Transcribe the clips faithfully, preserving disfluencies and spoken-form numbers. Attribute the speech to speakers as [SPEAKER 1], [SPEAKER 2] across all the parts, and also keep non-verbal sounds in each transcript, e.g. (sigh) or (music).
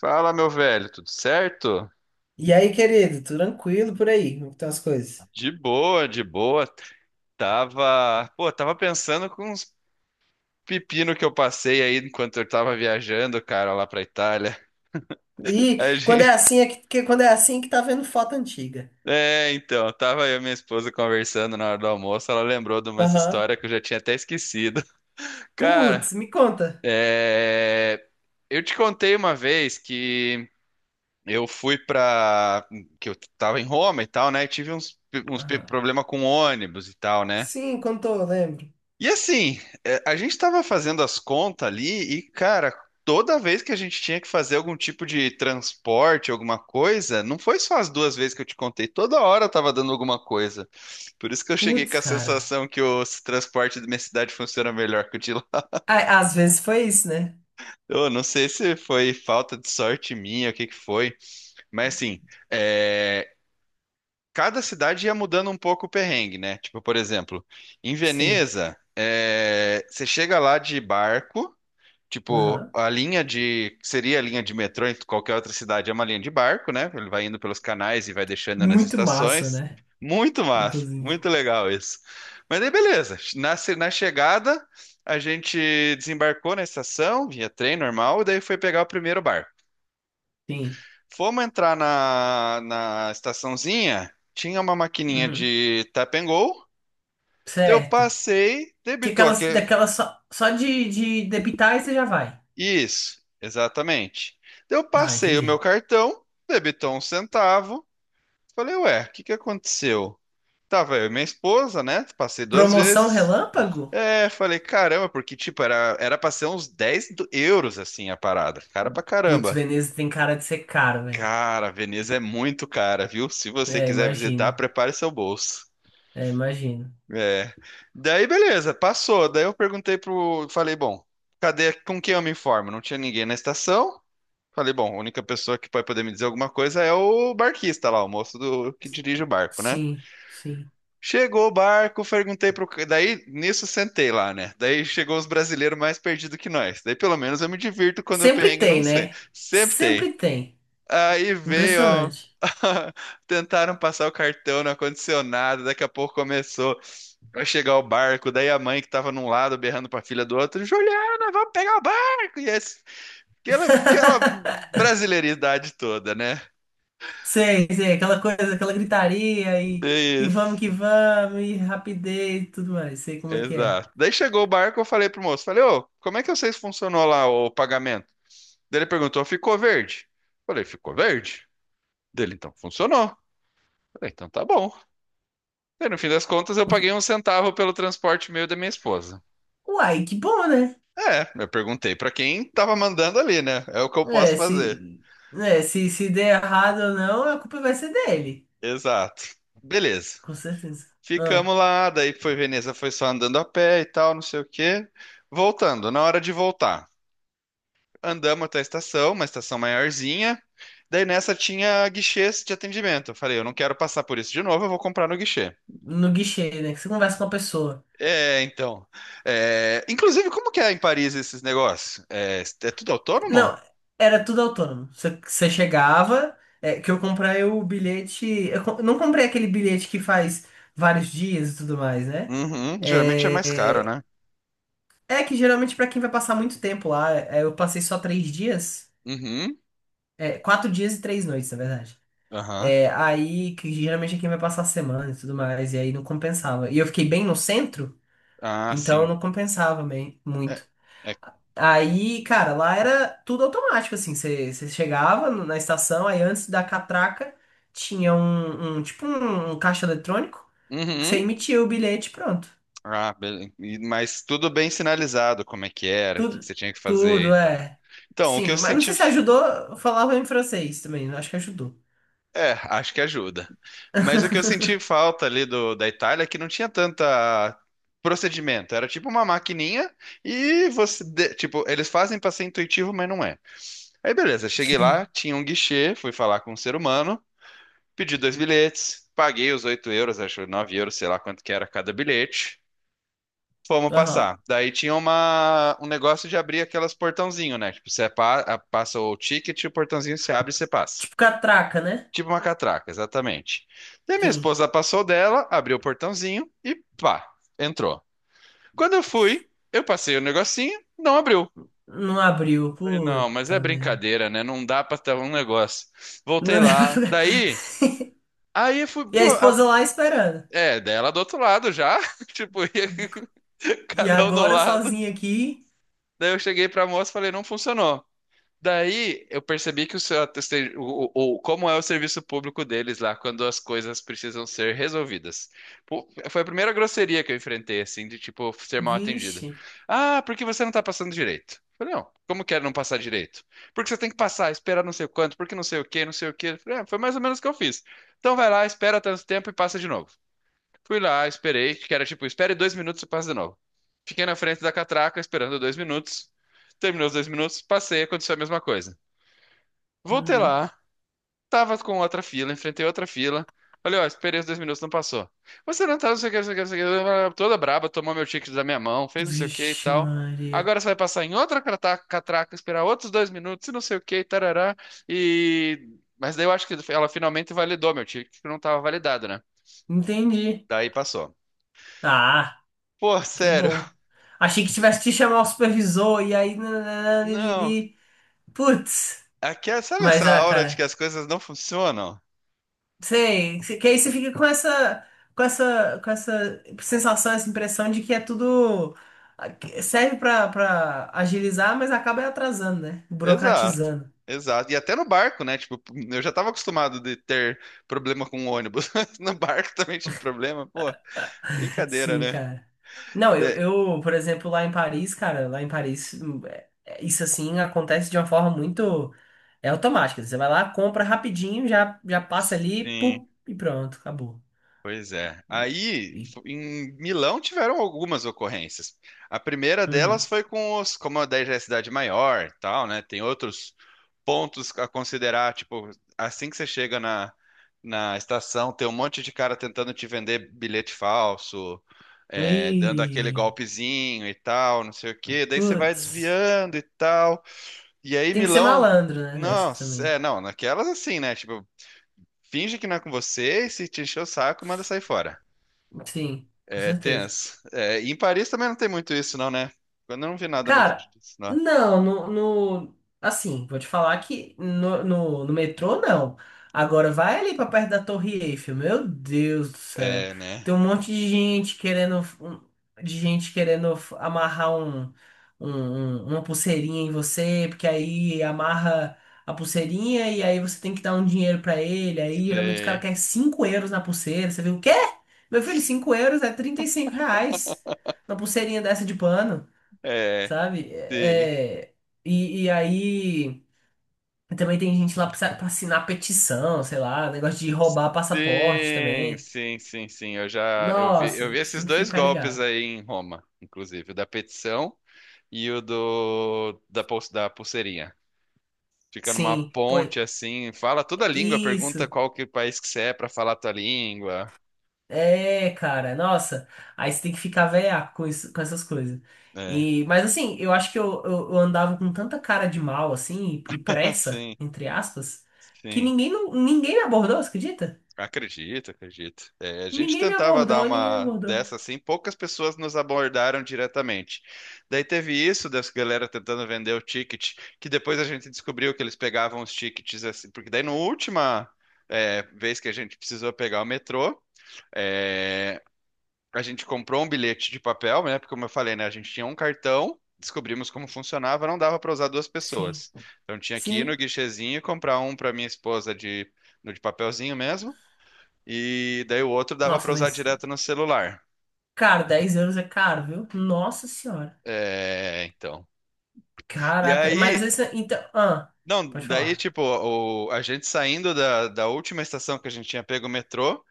[SPEAKER 1] Fala, meu velho, tudo certo?
[SPEAKER 2] E aí, querido, tranquilo por aí, como estão as coisas?
[SPEAKER 1] De boa, de boa. Tava, pô, tava pensando com uns pepino que eu passei aí enquanto eu tava viajando, cara, lá pra Itália. (laughs)
[SPEAKER 2] E
[SPEAKER 1] A
[SPEAKER 2] quando é
[SPEAKER 1] gente,
[SPEAKER 2] assim, é que, que- quando é assim que tá vendo foto antiga.
[SPEAKER 1] é, então, tava eu e minha esposa conversando na hora do almoço, ela lembrou de umas
[SPEAKER 2] Aham.
[SPEAKER 1] histórias que eu já tinha até esquecido. (laughs) Cara,
[SPEAKER 2] Putz, me conta.
[SPEAKER 1] é, eu te contei uma vez que eu fui pra, que eu tava em Roma e tal, né? E tive uns, uns pe-
[SPEAKER 2] Aham.
[SPEAKER 1] problema com ônibus e tal, né?
[SPEAKER 2] Sim, contou, eu lembro.
[SPEAKER 1] E assim, é, a gente estava fazendo as contas ali e, cara, toda vez que a gente tinha que fazer algum tipo de transporte, alguma coisa, não foi só as duas vezes que eu te contei, toda hora eu tava dando alguma coisa. Por isso que eu cheguei
[SPEAKER 2] Putz,
[SPEAKER 1] com a
[SPEAKER 2] cara.
[SPEAKER 1] sensação que o transporte da minha cidade funciona melhor que o de lá.
[SPEAKER 2] Ah, às vezes foi isso, né?
[SPEAKER 1] Eu não sei se foi falta de sorte minha, o que que foi, mas assim, é, cada cidade ia mudando um pouco o perrengue, né? Tipo, por exemplo, em
[SPEAKER 2] Sim.
[SPEAKER 1] Veneza, é, você chega lá de barco. Tipo,
[SPEAKER 2] Aham.
[SPEAKER 1] a linha de, que seria a linha de metrô em qualquer outra cidade, é uma linha de barco, né? Ele vai indo pelos canais e vai deixando nas
[SPEAKER 2] Muito massa,
[SPEAKER 1] estações.
[SPEAKER 2] né?
[SPEAKER 1] Muito massa,
[SPEAKER 2] Inclusive.
[SPEAKER 1] muito legal isso. Mas aí, beleza. Na, ce- na chegada, a gente desembarcou na estação, via trem normal, e daí foi pegar o primeiro barco.
[SPEAKER 2] Sim.
[SPEAKER 1] Fomos entrar na, na estaçãozinha, tinha uma maquininha
[SPEAKER 2] Uhum.
[SPEAKER 1] de tap and go. Eu
[SPEAKER 2] Certo.
[SPEAKER 1] passei,
[SPEAKER 2] Que
[SPEAKER 1] debitou aqui.
[SPEAKER 2] aquelas, daquelas só, só de, de debitar e você já vai.
[SPEAKER 1] Isso, exatamente. Daí Eu
[SPEAKER 2] Tá,
[SPEAKER 1] passei o meu
[SPEAKER 2] entendi.
[SPEAKER 1] cartão, debitou um centavo. Falei, ué, o que que aconteceu? Tava eu e minha esposa, né? Passei duas
[SPEAKER 2] Promoção
[SPEAKER 1] vezes.
[SPEAKER 2] relâmpago?
[SPEAKER 1] É, falei, caramba, porque, tipo, era, era pra ser uns dez do- euros, assim, a parada. Cara pra
[SPEAKER 2] Putz,
[SPEAKER 1] caramba.
[SPEAKER 2] Veneza tem cara de ser caro, velho.
[SPEAKER 1] Cara, Veneza é muito cara, viu? Se você
[SPEAKER 2] É,
[SPEAKER 1] quiser visitar,
[SPEAKER 2] imagino.
[SPEAKER 1] prepare seu bolso.
[SPEAKER 2] É, imagino.
[SPEAKER 1] É. Daí, beleza, passou. Daí eu perguntei pro. Falei, bom, cadê. Com quem eu me informo? Não tinha ninguém na estação. Falei, bom, a única pessoa que vai poder me dizer alguma coisa é o barquista lá, o moço do que dirige o barco, né?
[SPEAKER 2] Sim, sim.
[SPEAKER 1] Chegou o barco, perguntei pro. ca- daí, nisso, sentei lá, né? Daí chegou os brasileiros mais perdidos que nós. Daí, pelo menos, eu me divirto quando eu
[SPEAKER 2] Sempre
[SPEAKER 1] perrengue não
[SPEAKER 2] tem,
[SPEAKER 1] sei.
[SPEAKER 2] né?
[SPEAKER 1] Sempre tem.
[SPEAKER 2] Sempre tem.
[SPEAKER 1] Aí veio, ó.
[SPEAKER 2] Impressionante.
[SPEAKER 1] (laughs) Tentaram passar o cartão, não aconteceu nada. Daqui a pouco começou a chegar o barco. Daí a mãe que tava num lado berrando pra filha do outro: Juliana, vamos pegar o barco! E esse- aquela, aquela
[SPEAKER 2] (laughs)
[SPEAKER 1] brasileiridade toda, né?
[SPEAKER 2] Sei, sei, aquela coisa, aquela gritaria e, e vamos
[SPEAKER 1] Isso,
[SPEAKER 2] que vamos, e rapidez e tudo mais. Sei como é que é.
[SPEAKER 1] exato. Daí chegou o barco, eu falei pro moço, falei, ô, como é que vocês funcionou lá o pagamento? Daí ele perguntou, ficou verde? Falei, ficou verde? Dele, então, funcionou. Falei, então tá bom. Daí, no fim das contas, eu paguei um centavo pelo transporte meu e da minha esposa.
[SPEAKER 2] Uai, que bom, né?
[SPEAKER 1] É, eu perguntei pra quem tava mandando ali, né? É o que eu posso
[SPEAKER 2] É,
[SPEAKER 1] fazer.
[SPEAKER 2] se, né, se, se der errado ou não, a culpa vai ser dele.
[SPEAKER 1] Exato. Beleza.
[SPEAKER 2] Com certeza. Ah,
[SPEAKER 1] Ficamos lá, daí foi Veneza, foi só andando a pé e tal, não sei o quê. Voltando, na hora de voltar, andamos até a estação, uma estação maiorzinha. Daí nessa tinha guichês de atendimento. Eu falei, eu não quero passar por isso de novo, eu vou comprar no guichê.
[SPEAKER 2] no guichê, né? Que você conversa com a pessoa.
[SPEAKER 1] É, então. É, inclusive, como que é em Paris esses negócios? É, é tudo autônomo?
[SPEAKER 2] Não, era tudo autônomo. Você você chegava, é, que eu comprei o bilhete. Eu co- não comprei aquele bilhete que faz vários dias e tudo mais, né?
[SPEAKER 1] Uhum, geralmente é mais caro,
[SPEAKER 2] É,
[SPEAKER 1] né?
[SPEAKER 2] é que geralmente pra quem vai passar muito tempo lá, é, eu passei só três dias,
[SPEAKER 1] Uhum,
[SPEAKER 2] é, quatro dias e três noites, na verdade.
[SPEAKER 1] aham.
[SPEAKER 2] É, aí que geralmente é quem vai passar a semana e tudo mais, e aí não compensava. E eu fiquei bem no centro,
[SPEAKER 1] Ah,
[SPEAKER 2] então
[SPEAKER 1] sim.
[SPEAKER 2] não compensava bem,
[SPEAKER 1] É,
[SPEAKER 2] muito.
[SPEAKER 1] é-
[SPEAKER 2] Aí, cara, lá era tudo automático, assim. Você você chegava no- na estação, aí antes da catraca tinha um, um- tipo um, um caixa eletrônico que você
[SPEAKER 1] uhum.
[SPEAKER 2] emitia o bilhete, e pronto.
[SPEAKER 1] Ah, beleza. Mas tudo bem sinalizado, como é que era, o que que
[SPEAKER 2] Tudo,
[SPEAKER 1] você tinha que fazer e
[SPEAKER 2] tudo,
[SPEAKER 1] tal.
[SPEAKER 2] é.
[SPEAKER 1] Então, o que
[SPEAKER 2] Sim,
[SPEAKER 1] eu
[SPEAKER 2] mas não
[SPEAKER 1] senti.
[SPEAKER 2] sei se ajudou, eu falava em francês também, acho que ajudou.
[SPEAKER 1] É, acho que ajuda. Mas o que eu senti falta ali do, da Itália é que não tinha tanta procedimento. Era tipo uma maquininha e você, de- tipo, eles fazem pra ser intuitivo, mas não é. Aí beleza, cheguei lá,
[SPEAKER 2] Sim,
[SPEAKER 1] tinha um guichê, fui falar com um ser humano, pedi dois bilhetes, paguei os oito euros, acho nove euros, sei lá quanto que era cada bilhete. Fomos
[SPEAKER 2] aham.
[SPEAKER 1] passar. Daí tinha uma, um negócio de abrir aquelas portãozinho, né? Tipo, você pa- passa o ticket, o portãozinho se abre e você passa.
[SPEAKER 2] Tipo catraca, né?
[SPEAKER 1] Tipo uma catraca, exatamente. Daí minha
[SPEAKER 2] Sim.
[SPEAKER 1] esposa passou dela, abriu o portãozinho e pá, entrou. Quando eu fui, eu passei o negocinho, não abriu.
[SPEAKER 2] Não abriu,
[SPEAKER 1] Falei, não, mas é
[SPEAKER 2] puta merda.
[SPEAKER 1] brincadeira, né? Não dá pra ter um negócio.
[SPEAKER 2] Não dá
[SPEAKER 1] Voltei
[SPEAKER 2] pra-
[SPEAKER 1] lá.
[SPEAKER 2] (laughs)
[SPEAKER 1] Daí, aí eu fui,
[SPEAKER 2] E a
[SPEAKER 1] pô, a-
[SPEAKER 2] esposa lá esperando.
[SPEAKER 1] é, dela do outro lado já. (laughs) Tipo, ia (laughs)
[SPEAKER 2] E
[SPEAKER 1] cada um no
[SPEAKER 2] agora
[SPEAKER 1] lado.
[SPEAKER 2] sozinha aqui,
[SPEAKER 1] Daí eu cheguei pra moça e falei, não funcionou. Daí eu percebi que o seu, a o, o- o- como é o serviço público deles lá quando as coisas precisam ser resolvidas. Pô, foi a primeira grosseria que eu enfrentei, assim, de tipo ser mal atendida.
[SPEAKER 2] vixe.
[SPEAKER 1] Ah, porque você não tá passando direito? Eu Falei, não, como quero não passar direito? Porque você tem que passar, esperar não sei quanto, porque não sei o quê, não sei o quê. Eu Falei, ah, foi mais ou menos o que eu fiz. Então vai lá, espera tanto tempo e passa de novo. Fui lá, esperei, que era tipo, espere dois minutos e passa de novo. Fiquei na frente da catraca esperando dois minutos. Terminou os dois minutos, passei, aconteceu a mesma coisa. Voltei
[SPEAKER 2] Uhum.
[SPEAKER 1] lá, tava com outra fila, enfrentei outra fila. Olha, ó, esperei os dois minutos, não passou. Você não tá, não sei o que, não sei o que, não sei o que, toda braba, tomou meu ticket da minha mão, fez não sei o que e
[SPEAKER 2] Vixe,
[SPEAKER 1] tal.
[SPEAKER 2] Maria.
[SPEAKER 1] Agora você vai passar em outra cata- catraca, esperar outros dois minutos e não sei o que, tarará. E. Mas daí eu acho que ela finalmente validou meu ticket, que não tava validado, né?
[SPEAKER 2] Entendi.
[SPEAKER 1] Daí passou.
[SPEAKER 2] Ah,
[SPEAKER 1] Pô,
[SPEAKER 2] que
[SPEAKER 1] sério,
[SPEAKER 2] bom. Achei que tivesse que chamar o supervisor e aí. Nananã,
[SPEAKER 1] não.
[SPEAKER 2] liriri. Putz.
[SPEAKER 1] Aqui, é- sabe essa
[SPEAKER 2] Mas, ah,
[SPEAKER 1] aura de que
[SPEAKER 2] cara.
[SPEAKER 1] as coisas não funcionam?
[SPEAKER 2] Sei. Que aí você fica com essa. Com essa. Com essa sensação, essa impressão de que é tudo. Serve pra, pra agilizar, mas acaba atrasando, né?
[SPEAKER 1] Exato,
[SPEAKER 2] Burocratizando.
[SPEAKER 1] exato. E até no barco, né? Tipo, eu já tava acostumado de ter problema com o ônibus. (laughs) No barco também tive problema. Pô, brincadeira,
[SPEAKER 2] Sim,
[SPEAKER 1] né?
[SPEAKER 2] cara. Não, eu,
[SPEAKER 1] De-
[SPEAKER 2] eu, por exemplo, lá em Paris, cara, lá em Paris, hum, é- é- isso assim acontece de uma forma muito. É automática. Você vai lá, compra rapidinho, já, já passa ali,
[SPEAKER 1] Sim.
[SPEAKER 2] pum, e pronto, acabou.
[SPEAKER 1] Pois é. Aí,
[SPEAKER 2] E,
[SPEAKER 1] fo- em Milão tiveram algumas ocorrências. A primeira delas
[SPEAKER 2] uhum.
[SPEAKER 1] foi com os, como a dez já é cidade maior, e tal, né? Tem outros pontos a considerar, tipo, assim que você chega na, na estação, tem um monte de cara tentando te vender bilhete falso, é, dando aquele
[SPEAKER 2] E.
[SPEAKER 1] golpezinho e tal, não sei o quê. Daí você vai
[SPEAKER 2] Putz.
[SPEAKER 1] desviando e tal. E aí
[SPEAKER 2] Tem que ser
[SPEAKER 1] Milão,
[SPEAKER 2] malandro, né, dessa
[SPEAKER 1] nossa,
[SPEAKER 2] também.
[SPEAKER 1] é, não, naquelas assim, né? Tipo, finge que não é com você e se te encher o saco, manda sair fora.
[SPEAKER 2] Sim, com
[SPEAKER 1] É
[SPEAKER 2] certeza.
[SPEAKER 1] tenso. É, e em Paris também não tem muito isso, não, né? Eu não vi nada muito
[SPEAKER 2] Cara,
[SPEAKER 1] disso, não.
[SPEAKER 2] não, no, no- assim, vou te falar que no, no, no metrô não. Agora vai ali pra perto da Torre Eiffel, meu Deus do céu.
[SPEAKER 1] É, né?
[SPEAKER 2] Tem um monte de gente querendo um- de gente querendo f- amarrar um, um- um- uma pulseirinha em você, porque aí amarra a pulseirinha e aí você tem que dar um dinheiro pra ele. Aí geralmente os caras
[SPEAKER 1] Sim.
[SPEAKER 2] querem cinco euros na pulseira. Você viu o quê? Meu filho, cinco euros é trinta e cinco reais na pulseirinha dessa de pano
[SPEAKER 1] É,
[SPEAKER 2] sabe?
[SPEAKER 1] sim.
[SPEAKER 2] É, e, e aí também tem gente lá pra, pra assinar petição, sei lá, negócio de roubar passaporte
[SPEAKER 1] Sim,
[SPEAKER 2] também.
[SPEAKER 1] sim, sim, sim. Eu já eu vi, eu vi
[SPEAKER 2] Nossa, você
[SPEAKER 1] esses
[SPEAKER 2] tem que
[SPEAKER 1] dois
[SPEAKER 2] ficar
[SPEAKER 1] golpes
[SPEAKER 2] ligado.
[SPEAKER 1] aí em Roma, inclusive, o da petição e o do da, pul- da pulseirinha. Fica numa
[SPEAKER 2] Sim, pô,
[SPEAKER 1] ponte assim, fala toda a língua, pergunta
[SPEAKER 2] isso.
[SPEAKER 1] qual que país que você é pra falar a tua língua.
[SPEAKER 2] É, cara, nossa. Aí você tem que ficar velhaco com isso, com essas coisas.
[SPEAKER 1] É.
[SPEAKER 2] E, mas assim, eu acho que eu, eu, eu andava com tanta cara de mal, assim, e, e
[SPEAKER 1] (laughs)
[SPEAKER 2] pressa,
[SPEAKER 1] Sim,
[SPEAKER 2] entre aspas, que
[SPEAKER 1] sim.
[SPEAKER 2] ninguém, não, ninguém me abordou, você acredita?
[SPEAKER 1] Acredito, acredito. É, a gente
[SPEAKER 2] Ninguém me
[SPEAKER 1] tentava dar
[SPEAKER 2] abordou, ninguém me
[SPEAKER 1] uma
[SPEAKER 2] abordou.
[SPEAKER 1] dessa assim, poucas pessoas nos abordaram diretamente. Daí teve isso dessa galera tentando vender o ticket, que depois a gente descobriu que eles pegavam os tickets assim, porque daí na última é, vez que a gente precisou pegar o metrô, é, a gente comprou um bilhete de papel, né? Porque como eu falei, né, a gente tinha um cartão, descobrimos como funcionava, não dava para usar duas
[SPEAKER 2] Sim,
[SPEAKER 1] pessoas. Então tinha que ir no
[SPEAKER 2] sim.
[SPEAKER 1] guichezinho e comprar um para minha esposa de, no de papelzinho mesmo e daí o outro dava para
[SPEAKER 2] Nossa,
[SPEAKER 1] usar
[SPEAKER 2] mas
[SPEAKER 1] direto no celular.
[SPEAKER 2] cara, dez euros é caro, viu? Nossa senhora.
[SPEAKER 1] É, então. E
[SPEAKER 2] Caraca, mas
[SPEAKER 1] aí,
[SPEAKER 2] essa, então. Ah,
[SPEAKER 1] não,
[SPEAKER 2] pode
[SPEAKER 1] daí
[SPEAKER 2] falar.
[SPEAKER 1] tipo, o- a gente saindo da, da última estação que a gente tinha pego o metrô,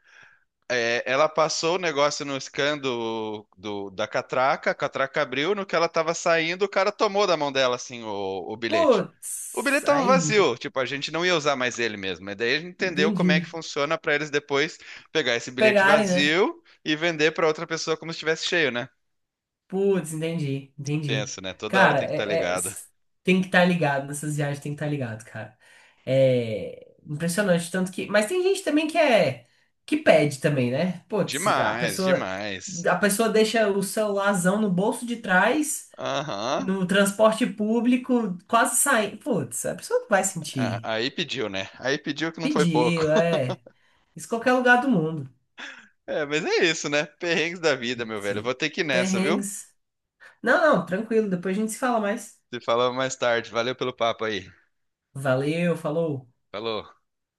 [SPEAKER 1] é, ela passou o negócio no scan do, do- da catraca, a catraca abriu, no que ela tava saindo, o cara tomou da mão dela assim o, o bilhete. O
[SPEAKER 2] Putz,
[SPEAKER 1] bilhete tava
[SPEAKER 2] aí,
[SPEAKER 1] vazio, tipo, a gente não ia usar mais ele mesmo. E daí a gente entendeu como é que
[SPEAKER 2] entendi.
[SPEAKER 1] funciona para eles depois pegar esse bilhete
[SPEAKER 2] Pegarem, né?
[SPEAKER 1] vazio e vender para outra pessoa como se estivesse cheio, né?
[SPEAKER 2] Putz, entendi, entendi.
[SPEAKER 1] Tenso, né? Toda hora
[SPEAKER 2] Cara,
[SPEAKER 1] tem que estar
[SPEAKER 2] é, é-
[SPEAKER 1] ligado.
[SPEAKER 2] s- tem que estar ligado nessas viagens, tem que estar ligado, cara. É impressionante, tanto que. Mas tem gente também que é. Que pede também, né? Putz, a
[SPEAKER 1] Demais,
[SPEAKER 2] pessoa.
[SPEAKER 1] demais.
[SPEAKER 2] A pessoa deixa o celularzão no bolso de trás.
[SPEAKER 1] Aham.
[SPEAKER 2] No transporte público, quase saindo. Putz, a pessoa não vai
[SPEAKER 1] Ah,
[SPEAKER 2] sentir.
[SPEAKER 1] aí pediu, né? Aí pediu que não foi pouco.
[SPEAKER 2] Pediu,
[SPEAKER 1] (laughs)
[SPEAKER 2] é. Isso em qualquer lugar do mundo.
[SPEAKER 1] É, mas é isso, né? Perrengues da vida, meu velho. Eu Vou
[SPEAKER 2] Sim.
[SPEAKER 1] ter que ir nessa, viu?
[SPEAKER 2] Perrengues. Não, não, tranquilo. Depois a gente se fala mais.
[SPEAKER 1] Te falamos mais tarde. Valeu pelo papo aí.
[SPEAKER 2] Valeu, falou.
[SPEAKER 1] Falou.